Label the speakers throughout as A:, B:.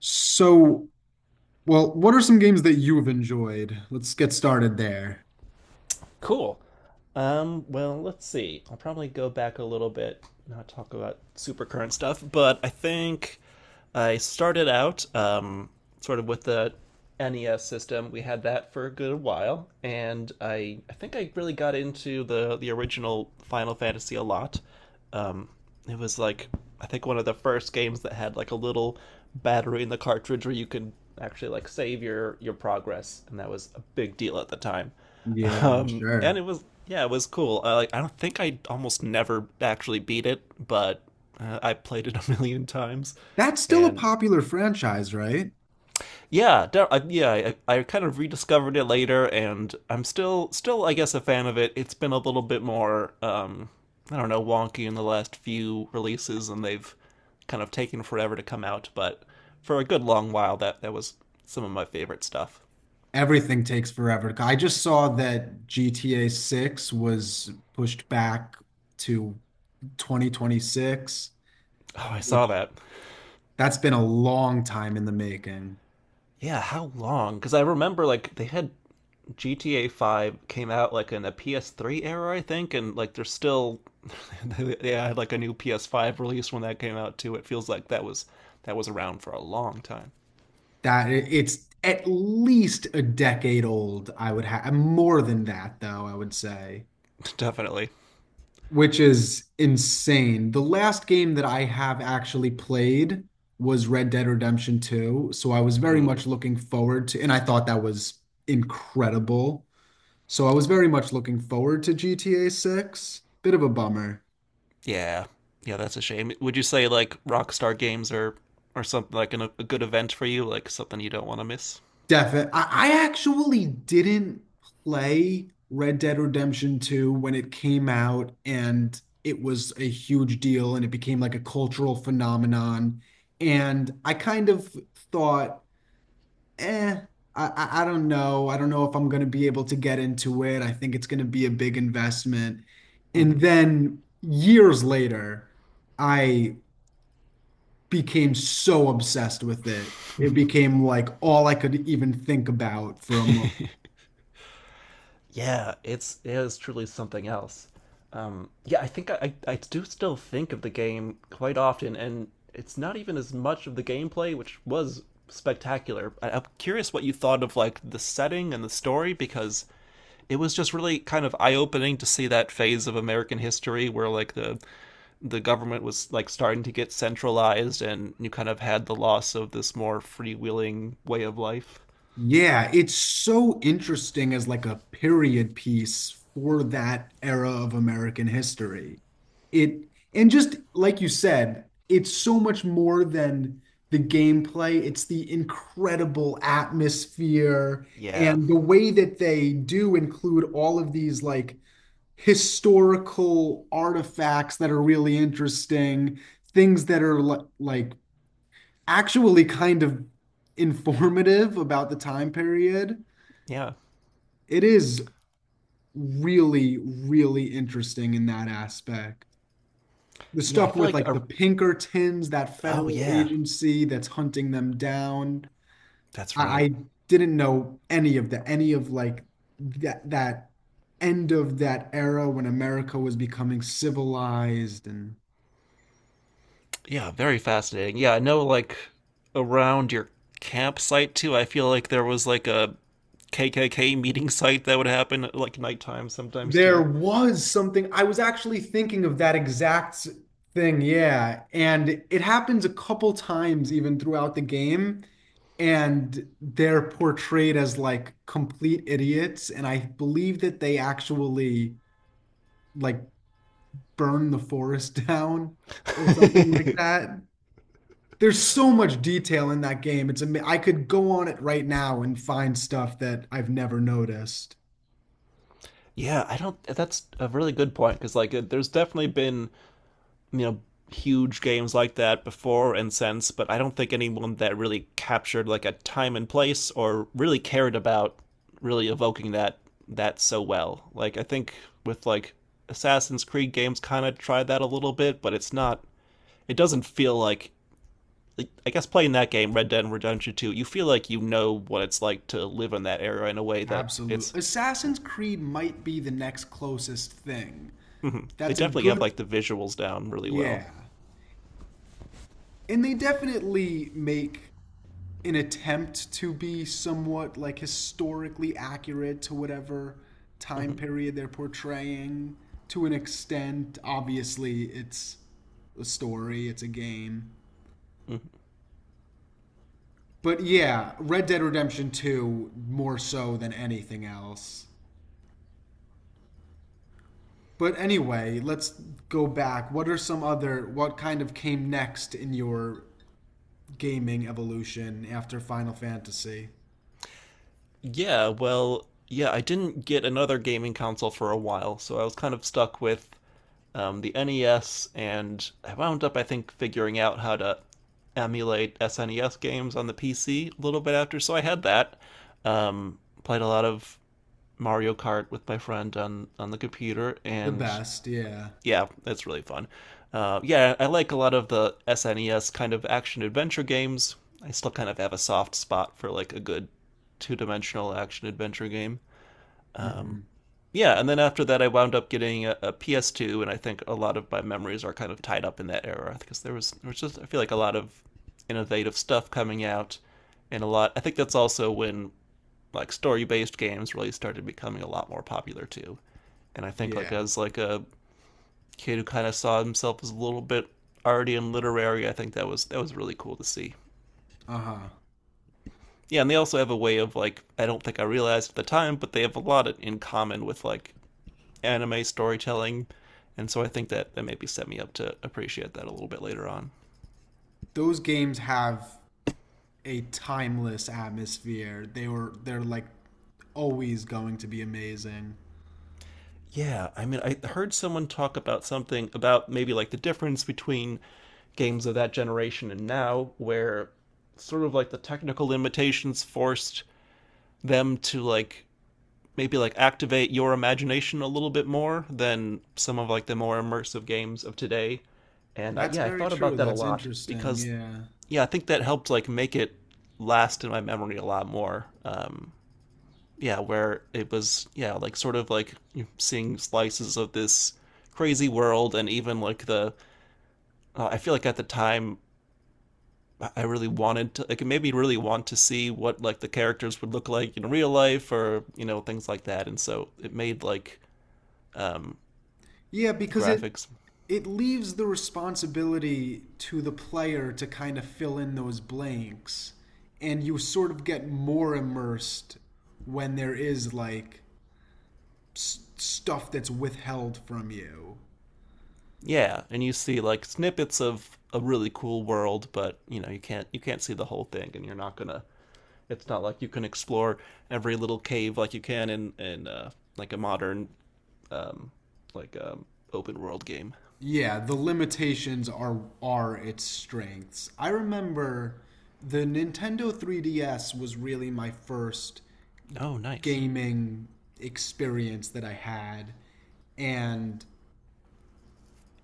A: So, well, what are some games that you've enjoyed? Let's get started there.
B: Cool. Well, let's see. I'll probably go back a little bit, not talk about super current stuff, but I think I started out sort of with the NES system. We had that for a good while, and I think I really got into the original Final Fantasy a lot. Um, it was like, I think one of the first games that had like a little battery in the cartridge where you could actually like save your progress, and that was a big deal at the time.
A: Yeah, I'm
B: And
A: sure.
B: it was yeah, it was cool. Like I don't think I almost never actually beat it, but I played it a million times,
A: That's still a
B: and
A: popular franchise, right?
B: yeah, yeah, I kind of rediscovered it later, and I'm still I guess a fan of it. It's been a little bit more I don't know wonky in the last few releases, and they've kind of taken forever to come out, but for a good long while that was some of my favorite stuff.
A: Everything takes forever. I just saw that GTA 6 was pushed back to 2026,
B: Oh, I
A: which
B: saw that.
A: that's been a long time in the making.
B: Yeah, how long? Because I remember like they had GTA 5 came out like in a PS3 era, I think, and like they're still they had like a new PS5 release when that came out too. It feels like that was around for a long time.
A: That it's at least a decade old, I would have more than that though, I would say.
B: Definitely.
A: Which is insane. The last game that I have actually played was Red Dead Redemption 2, so I was very
B: Ooh,
A: much looking forward to, and I thought that was incredible. So I was very much looking forward to GTA 6. Bit of a bummer.
B: yeah, yeah, that's a shame. Would you say like Rockstar games are or something like a good event for you, like something you don't want to miss?
A: Definitely. I actually didn't play Red Dead Redemption 2 when it came out, and it was a huge deal, and it became like a cultural phenomenon. And I kind of thought eh, I don't know. I don't know if I'm going to be able to get into it. I think it's going to be a big investment. And
B: Hmm.
A: then years later, I became so obsessed with it. It became like all I could even think about for a month.
B: Yeah, it is truly something else. Yeah, I think I do still think of the game quite often, and it's not even as much of the gameplay, which was spectacular. I'm curious what you thought of like the setting and the story because it was just really kind of eye-opening to see that phase of American history where like the government was like starting to get centralized, and you kind of had the loss of this more freewheeling way of life.
A: Yeah, it's so interesting as like a period piece for that era of American history. It and just like you said, it's so much more than the gameplay. It's the incredible atmosphere
B: Yeah,
A: and the way that they do include all of these like historical artifacts that are really interesting, things that are like actually kind of informative about the time period.
B: yeah,
A: It is really, really interesting in that aspect. The
B: yeah. I
A: stuff
B: feel
A: with
B: like
A: like the
B: a,
A: Pinkertons, that
B: oh
A: federal
B: yeah,
A: agency that's hunting them down.
B: that's
A: I,
B: right.
A: I didn't know any of the any of like that end of that era when America was becoming civilized and.
B: Yeah, very fascinating. Yeah, I know like around your campsite too. I feel like there was like a KKK meeting site that would happen at, like nighttime sometimes
A: There
B: too.
A: was something, I was actually thinking of that exact thing, yeah. And it happens a couple times even throughout the game, and they're portrayed as like complete idiots. And I believe that they actually like burn the forest down or something like that. There's so much detail in that game. It's I could go on it right now and find stuff that I've never noticed.
B: Yeah, I don't that's a really good point because like it, there's definitely been you know huge games like that before and since, but I don't think anyone that really captured like a time and place or really cared about really evoking that so well. Like I think with like Assassin's Creed games kind of tried that a little bit, but it's not it doesn't feel like, I guess playing that game, Red Dead Redemption 2, you feel like you know what it's like to live in that era in a way that it's.
A: Absolutely. Assassin's Creed might be the next closest thing.
B: Mhm. They
A: That's a
B: definitely have
A: good,
B: like the visuals down really well.
A: yeah. And they definitely make an attempt to be somewhat like historically accurate to whatever time
B: Mhm,
A: period they're portraying to an extent. Obviously, it's a story, it's a game.
B: mhm.
A: But yeah, Red Dead Redemption 2 more so than anything else. But anyway, let's go back. What are some other what kind of came next in your gaming evolution after Final Fantasy?
B: Yeah, well, yeah, I didn't get another gaming console for a while, so I was kind of stuck with the NES, and I wound up, I think, figuring out how to emulate SNES games on the PC a little bit after. So I had that. Um, Played a lot of Mario Kart with my friend on the computer,
A: The
B: and
A: best, yeah.
B: yeah, it's really fun. Yeah, I like a lot of the SNES kind of action adventure games. I still kind of have a soft spot for like a good two dimensional action adventure game. Um,
A: Hmm.
B: yeah, and then after that, I wound up getting a, PS2, and I think a lot of my memories are kind of tied up in that era because there was just I feel like a lot of innovative stuff coming out, and a lot. I think that's also when like story based games really started becoming a lot more popular too. And I think like
A: Yeah.
B: as like a kid who kind of saw himself as a little bit arty and literary. I think that was really cool to see.
A: Uh-huh.
B: Yeah, and they also have a way of like I don't think I realized at the time, but they have a lot in common with like anime storytelling, and so I think that maybe set me up to appreciate that a little bit later on.
A: Those games have a timeless atmosphere. They're like always going to be amazing.
B: Yeah, I mean, I heard someone talk about something about maybe like the difference between games of that generation and now, where sort of like the technical limitations forced them to like maybe like activate your imagination a little bit more than some of like the more immersive games of today. And
A: That's
B: yeah, I
A: very
B: thought
A: true.
B: about that a
A: That's
B: lot
A: interesting.
B: because
A: Yeah.
B: yeah, I think that helped like make it last in my memory a lot more. Yeah, where it was yeah like sort of like seeing slices of this crazy world and even like the I feel like at the time I really wanted to like it made me really want to see what like the characters would look like in real life or you know things like that and so it made like um
A: Yeah, because it
B: graphics.
A: it leaves the responsibility to the player to kind of fill in those blanks, and you sort of get more immersed when there is like stuff that's withheld from you.
B: Yeah, and you see like snippets of a really cool world, but you know you can't see the whole thing, and you're not gonna. It's not like you can explore every little cave like you can in like a modern um, like open world game.
A: Yeah, the limitations are its strengths. I remember the Nintendo 3DS was really my first
B: Oh, nice.
A: gaming experience that I had, and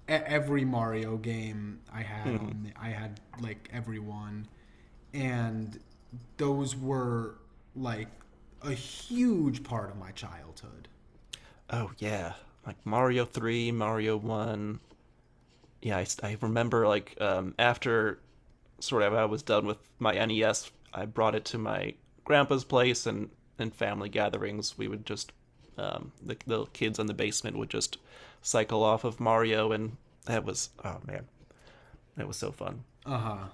A: every Mario game I had I had like every one, and those were like a huge part of my childhood.
B: Oh yeah, like Mario Three, Mario One, yeah, I remember like after sort of I was done with my NES, I brought it to my grandpa's place, and in family gatherings, we would just the kids in the basement would just cycle off of Mario, and that was oh man, that was so fun.
A: Uh huh.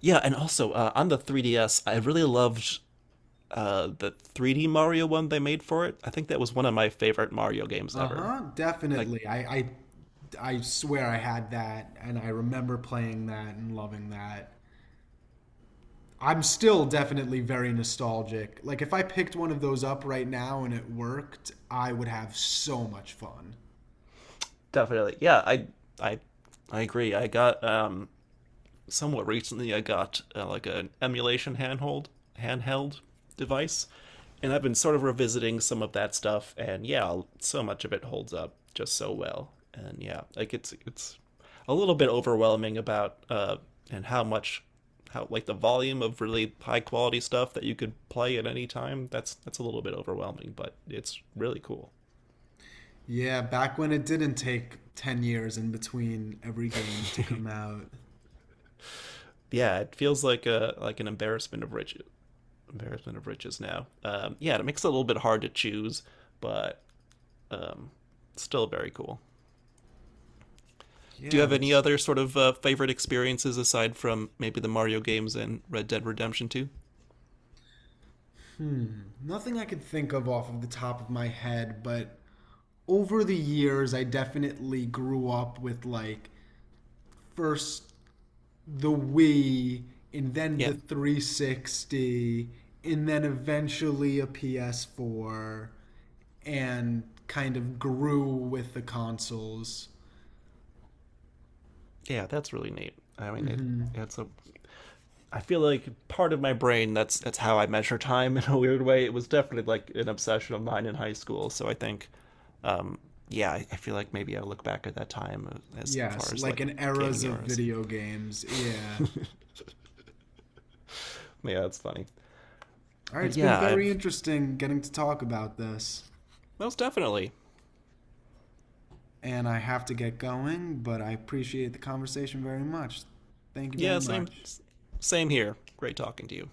B: Yeah, and also on the 3DS, I really loved the 3D Mario one they made for it. I think that was one of my favorite Mario games
A: Uh
B: ever.
A: huh.
B: Like
A: Definitely. I swear I had that, and I remember playing that and loving that. I'm still definitely very nostalgic. Like if I picked one of those up right now and it worked, I would have so much fun.
B: definitely, yeah, I I agree. I got somewhat recently I got like an emulation handhold handheld device, and I've been sort of revisiting some of that stuff. And yeah, so much of it holds up just so well. And yeah, like it's a little bit overwhelming about and how much how like the volume of really high quality stuff that you could play at any time. That's a little bit overwhelming, but it's really cool.
A: Yeah, back when it didn't take 10 years in between every game to come out.
B: Yeah, it feels like a like an embarrassment of riches. Embarrassment of riches now. Yeah, it makes it a little bit hard to choose, but still very cool. Do you
A: Yeah,
B: have any
A: that's
B: other sort of favorite experiences aside from maybe the Mario games and Red Dead Redemption 2?
A: nothing I could think of off of the top of my head, but over the years, I definitely grew up with like first the Wii and then
B: Yeah.
A: the 360 and then eventually a PS4 and kind of grew with the consoles.
B: Yeah, that's really neat. I mean, it,
A: Hmm.
B: it's a. I feel like part of my brain that's how I measure time in a weird way. It was definitely like an obsession of mine in high school. So I think, yeah, I feel like maybe I look back at that time as far
A: Yes,
B: as
A: like
B: like
A: in
B: gaming
A: eras of
B: eras.
A: video games. Yeah.
B: Yeah, that's funny.
A: All right,
B: But
A: it's been
B: yeah,
A: very
B: I've
A: interesting getting to talk about this,
B: most definitely.
A: and I have to get going, but I appreciate the conversation very much. Thank you very
B: Yeah,
A: much.
B: same here. Great talking to you.